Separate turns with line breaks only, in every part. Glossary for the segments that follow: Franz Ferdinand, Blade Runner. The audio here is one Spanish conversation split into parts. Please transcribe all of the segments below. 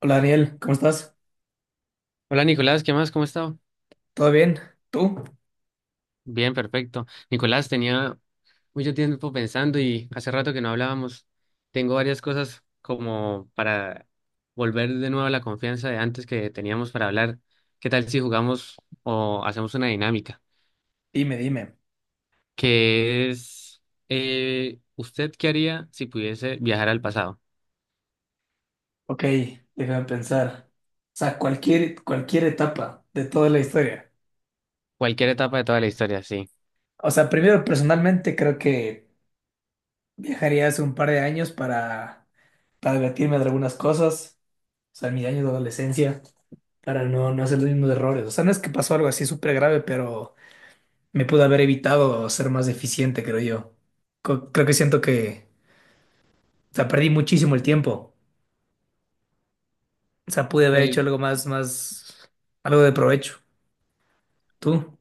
Hola Daniel, ¿cómo estás?
Hola Nicolás, ¿qué más? ¿Cómo está?
¿Todo bien? ¿Tú?
Bien, perfecto. Nicolás, tenía mucho tiempo pensando y hace rato que no hablábamos. Tengo varias cosas como para volver de nuevo a la confianza de antes que teníamos para hablar. ¿Qué tal si jugamos o hacemos una dinámica?
Dime, dime.
Que es, ¿Usted qué haría si pudiese viajar al pasado?
Ok, déjame pensar. O sea, cualquier etapa de toda la historia.
Cualquier etapa de toda la historia, sí.
O sea, primero personalmente creo que viajaría hace un par de años para divertirme de algunas cosas. O sea, en mis años de adolescencia, para no hacer los mismos errores. O sea, no es que pasó algo así súper grave, pero me pude haber evitado ser más eficiente, creo yo. Creo que siento que, o sea, perdí muchísimo el tiempo. O sea, pude haber
Pues,
hecho algo algo de provecho. Tú,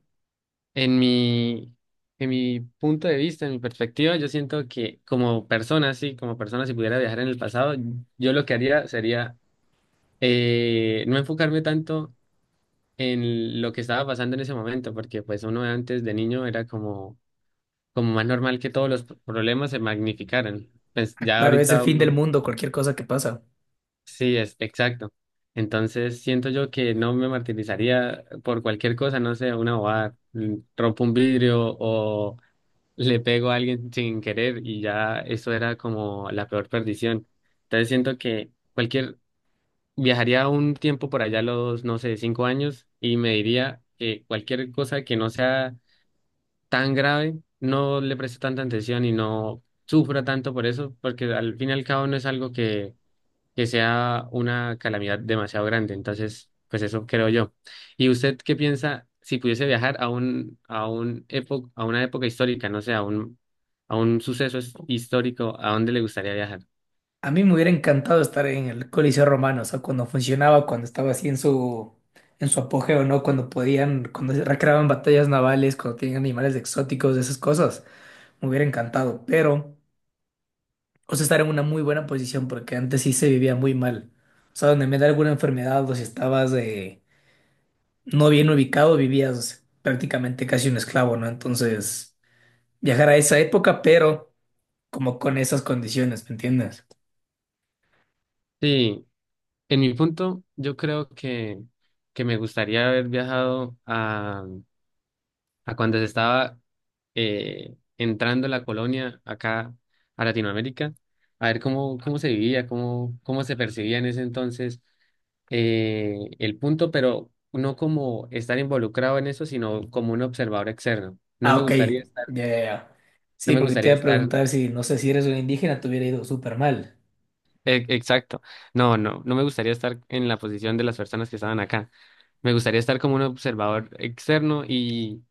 En mi, en mi punto de vista, en mi perspectiva, yo siento que como persona, sí, como persona, si pudiera viajar en el pasado, yo lo que haría sería no enfocarme tanto en lo que estaba pasando en ese momento, porque pues uno antes de niño era como más normal que todos los problemas se magnificaran. Pues ya
claro, es el
ahorita
fin del
uno.
mundo, cualquier cosa que pasa.
Sí, es exacto. Entonces siento yo que no me martirizaría por cualquier cosa, no sé, una bobada, rompo un vidrio o le pego a alguien sin querer y ya eso era como la peor perdición. Entonces siento que viajaría un tiempo por allá, a los, no sé, 5 años y me diría que cualquier cosa que no sea tan grave, no le presto tanta atención y no sufra tanto por eso, porque al fin y al cabo no es algo que sea una calamidad demasiado grande. Entonces, pues eso creo yo. ¿Y usted qué piensa si pudiese viajar a una época histórica, no sé, a un suceso histórico, a dónde le gustaría viajar?
A mí me hubiera encantado estar en el Coliseo Romano, o sea, cuando funcionaba, cuando estaba así en en su apogeo, ¿no? Cuando podían, cuando se recreaban batallas navales, cuando tenían animales exóticos, esas cosas. Me hubiera encantado, pero, o sea, estar en una muy buena posición, porque antes sí se vivía muy mal. O sea, donde me da alguna enfermedad o si estabas no bien ubicado, vivías prácticamente casi un esclavo, ¿no? Entonces, viajar a esa época, pero como con esas condiciones, ¿me entiendes?
Sí, en mi punto, yo creo que me gustaría haber viajado a cuando se estaba entrando la colonia acá a Latinoamérica, a ver cómo se vivía, cómo se percibía en ese entonces el punto, pero no como estar involucrado en eso, sino como un observador externo. No
Ah,
me
ok,
gustaría estar,
ya, ya, ya.
no
Sí,
me
porque te
gustaría
iba a
estar,
preguntar si, no sé, si eres un indígena, te hubiera ido súper mal.
exacto, no, no, no me gustaría estar en la posición de las personas que estaban acá. Me gustaría estar como un observador externo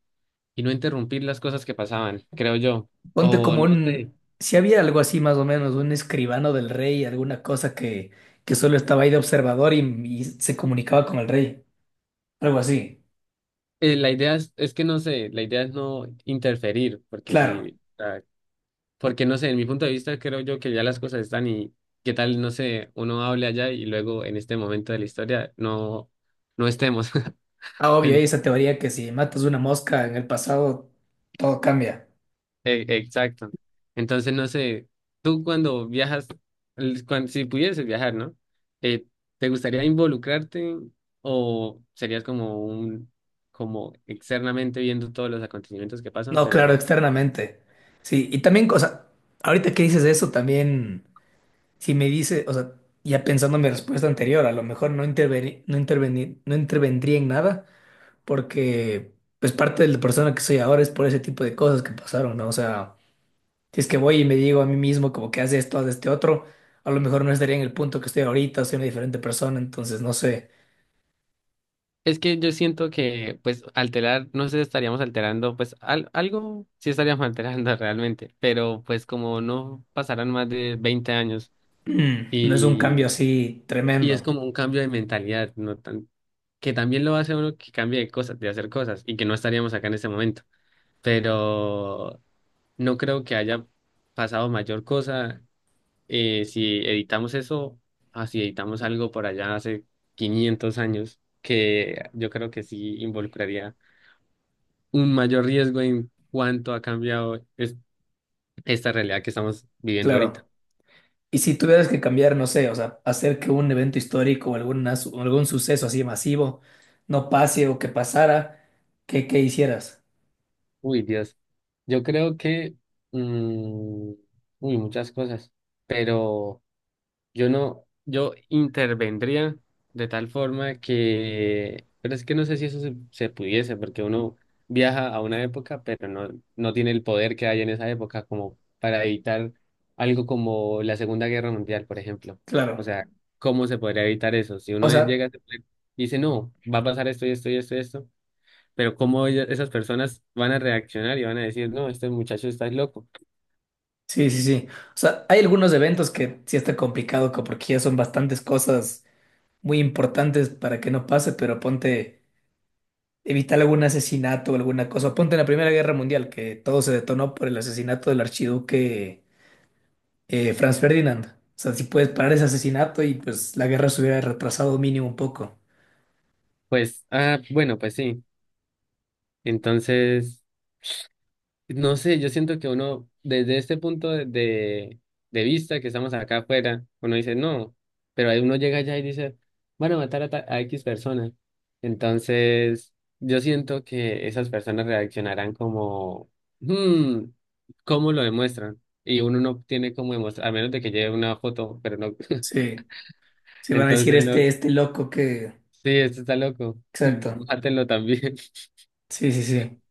y no interrumpir las cosas que pasaban, creo yo.
Ponte
O
como
no sé.
un, si había algo así más o menos, un escribano del rey, alguna cosa que solo estaba ahí de observador y se comunicaba con el rey, algo así.
La idea es que no sé, la idea es no interferir, porque
Claro,
porque no sé, en mi punto de vista creo yo que ya las cosas están y qué tal, no sé, uno hable allá y luego en este momento de la historia no, no estemos.
ah, obvio, hay
Ento-
esa teoría que si matas una mosca en el pasado, todo cambia.
exacto. Entonces, no sé, tú cuando viajas, si pudieses viajar, ¿no? Eh, ¿Te gustaría involucrarte o serías como externamente viendo todos los acontecimientos que pasan,
No,
pero
claro,
no?
externamente. Sí, y también, cosa ahorita que dices eso, también. Si me dice, o sea, ya pensando en mi respuesta anterior, a lo mejor no intervendría en nada porque pues parte de la persona que soy ahora es por ese tipo de cosas que pasaron, ¿no? O sea, si es que voy y me digo a mí mismo como que haz esto, haz este otro, a lo mejor no estaría en el punto que estoy ahorita, soy una diferente persona, entonces no sé.
Es que yo siento que, pues, alterar, no sé, estaríamos alterando, pues, algo sí estaríamos alterando realmente, pero pues como no pasarán más de 20 años
Mm, no es un cambio
y,
así
y es
tremendo,
como un cambio de mentalidad, no tan, que también lo hace uno que cambie de cosas, de hacer cosas y que no estaríamos acá en este momento, pero no creo que haya pasado mayor cosa si editamos eso, así si editamos algo por allá hace 500 años, que yo creo que sí involucraría un mayor riesgo en cuanto ha cambiado esta realidad que estamos viviendo ahorita.
claro. Y si tuvieras que cambiar, no sé, o sea, hacer que un evento histórico o o algún suceso así masivo no pase o que pasara, ¿ qué hicieras?
Uy, Dios. Yo creo que, mm, uy, muchas cosas, pero... Yo no, yo intervendría de tal forma que, pero es que no sé si eso se pudiese, porque uno viaja a una época, pero no, no tiene el poder que hay en esa época como para evitar algo como la Segunda Guerra Mundial, por ejemplo. O
Claro.
sea, ¿cómo se podría evitar eso? Si
O
uno
sea,
llega y dice, no, va a pasar esto y esto y esto y esto, pero ¿cómo ellas- esas personas van a reaccionar y van a decir, no, este muchacho está loco?
sí, sí, sí. O sea, hay algunos eventos que sí está complicado porque ya son bastantes cosas muy importantes para que no pase, pero ponte, evitar algún asesinato o alguna cosa. Ponte en la Primera Guerra Mundial, que todo se detonó por el asesinato del archiduque, Franz Ferdinand. O sea, si puedes parar ese asesinato y pues la guerra se hubiera retrasado mínimo un poco.
Pues, ah, bueno, pues sí. Entonces... No sé, yo siento que uno, desde este punto de vista que estamos acá afuera, uno dice no, pero ahí uno llega allá y dice, van a matar a X personas. Entonces, yo siento que esas personas reaccionarán como, hmm, ¿cómo lo demuestran? Y uno no tiene cómo demostrar, a menos de que lleve una foto, pero no.
Sí, sí van a decir
Entonces, no,
este loco que...
sí, esto está loco,
Exacto.
mátenlo también.
Sí, sí, sí.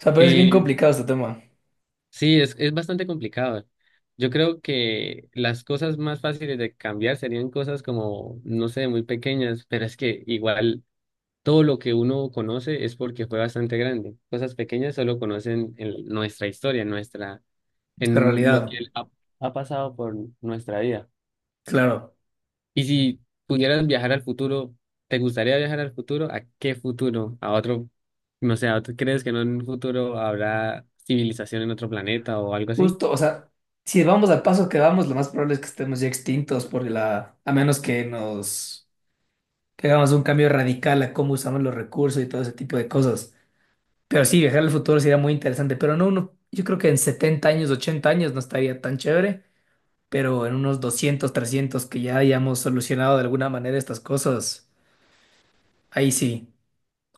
O sea, pero es bien
Y
complicado este tema,
sí, es bastante complicado. Yo creo que las cosas más fáciles de cambiar serían cosas como, no sé, muy pequeñas, pero es que igual todo lo que uno conoce es porque fue bastante grande. Cosas pequeñas solo conocen en nuestra historia,
esta
en lo
realidad.
que ha pasado por nuestra vida.
Claro.
Y si pudieras viajar al futuro, ¿te gustaría viajar al futuro? ¿A qué futuro? ¿A otro, no sé, crees que en un futuro habrá civilización en otro planeta o algo así?
Justo, o sea, si vamos al paso que vamos, lo más probable es que estemos ya extintos por la... A menos que nos... que hagamos un cambio radical a cómo usamos los recursos y todo ese tipo de cosas. Pero sí, viajar al futuro sería muy interesante, pero no, yo creo que en 70 años, 80 años no estaría tan chévere, pero en unos 200 300 que ya hayamos solucionado de alguna manera estas cosas, ahí sí.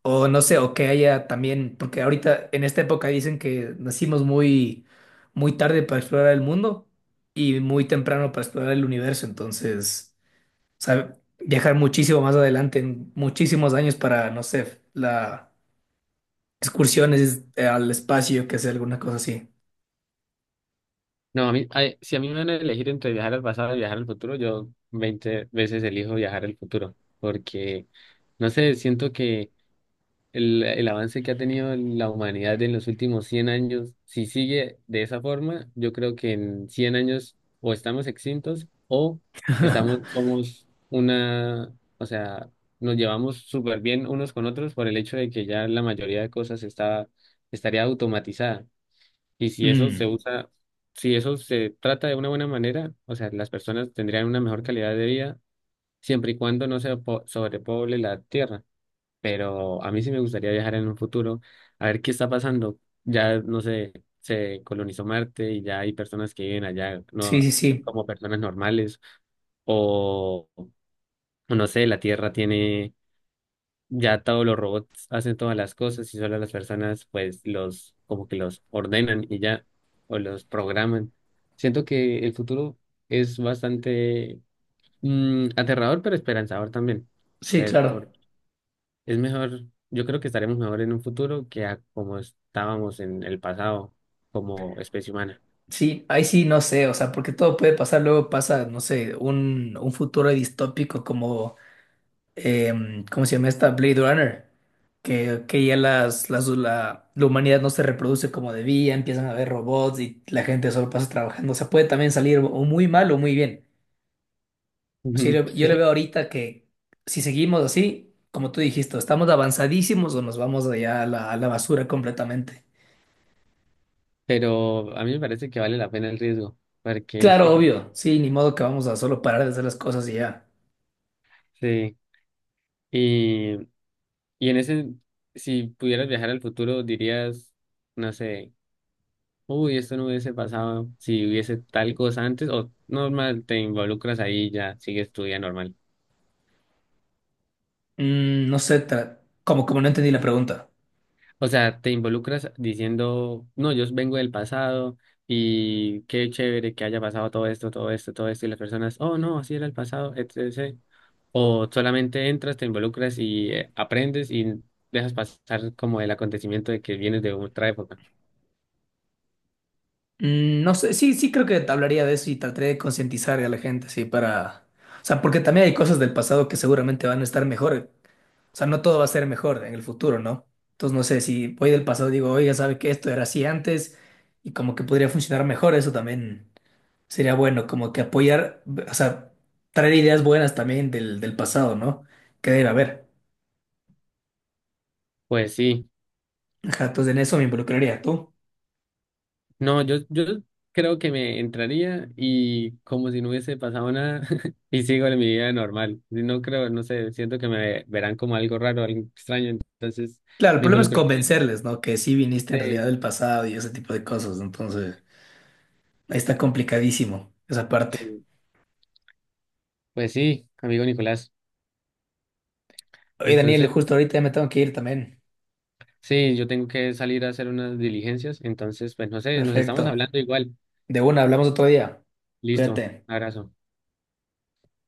O no sé, o que haya también, porque ahorita en esta época dicen que nacimos muy tarde para explorar el mundo y muy temprano para explorar el universo, entonces, o sea, viajar muchísimo más adelante, en muchísimos años para, no sé, la excursiones al espacio, que sea alguna cosa así.
No, a mí, ay, si a mí me van a elegir entre viajar al pasado y viajar al futuro, yo 20 veces elijo viajar al futuro, porque, no sé, siento que el avance que ha tenido la humanidad en los últimos 100 años, si sigue de esa forma, yo creo que en 100 años o estamos extintos o estamos, somos una, o sea, nos llevamos súper bien unos con otros por el hecho de que ya la mayoría de cosas está, estaría automatizada. Y si eso se
Mm,
usa, si eso se trata de una buena manera, o sea, las personas tendrían una mejor calidad de vida siempre y cuando no se sobrepoble la tierra. Pero a mí sí me gustaría viajar en un futuro a ver qué está pasando. Ya, no sé, se colonizó Marte y ya hay personas que viven allá,
sí,
no
sí, sí,
como personas normales, o o no sé, la tierra tiene ya todos los robots hacen todas las cosas y solo las personas pues los como que los ordenan y ya o los programan. Siento que el futuro es bastante aterrador pero esperanzador también.
sí,
Pe- por-
claro.
es mejor, yo creo que estaremos mejor en un futuro que a como estábamos en el pasado como especie humana.
Sí, ahí sí no sé, o sea, porque todo puede pasar, luego pasa, no sé, un futuro distópico como, ¿cómo se llama esta? Blade Runner, que ya la humanidad no se reproduce como debía, empiezan a haber robots y la gente solo pasa trabajando, o sea, puede también salir o muy mal o muy bien. O sea, yo le veo
Sí,
ahorita que si seguimos así, como tú dijiste, estamos avanzadísimos o nos vamos allá a a la basura completamente.
pero a mí me parece que vale la pena el riesgo porque
Claro, obvio, sí, ni modo que vamos a solo parar de hacer las cosas y ya.
sí. y Y en ese, si pudieras viajar al futuro, dirías, no sé, uy, esto no hubiese pasado si hubiese tal cosa antes, o normal, te involucras ahí y ya, sigues tu vida normal.
Mm, no sé, como, como no entendí la pregunta.
O sea, te involucras diciendo, no, yo vengo del pasado y qué chévere que haya pasado todo esto, todo esto, todo esto, y las personas, oh, no, así era el pasado, etcétera. O solamente entras, te involucras y aprendes y dejas pasar como el acontecimiento de que vienes de otra época.
Mm, no sé, sí, sí creo que te hablaría de eso y trataré de concientizar a la gente, sí, para... O sea, porque también hay cosas del pasado que seguramente van a estar mejor. O sea, no todo va a ser mejor en el futuro, ¿no? Entonces, no sé, si voy del pasado y digo, oiga, ¿sabe que esto era así antes? Y como que podría funcionar mejor, eso también sería bueno, como que apoyar, o sea, traer ideas buenas también del pasado, ¿no? Que debe haber.
Pues sí.
Ajá, entonces en eso me involucraría tú.
No, yo creo que me entraría y como si no hubiese pasado nada y sigo en mi vida normal. No creo, no sé, siento que me verán como algo raro, algo extraño, entonces
Claro, el
me
problema es
involucraría.
convencerles, ¿no? Que sí viniste en realidad
Sí,
del pasado y ese tipo de cosas. Entonces, ahí está complicadísimo esa parte.
sí. Pues sí, amigo Nicolás.
Oye, Daniel,
Entonces,
justo ahorita ya me tengo que ir también.
sí, yo tengo que salir a hacer unas diligencias, entonces, pues no sé, nos estamos
Perfecto.
hablando igual.
De una, hablamos otro día.
Listo,
Cuídate.
abrazo.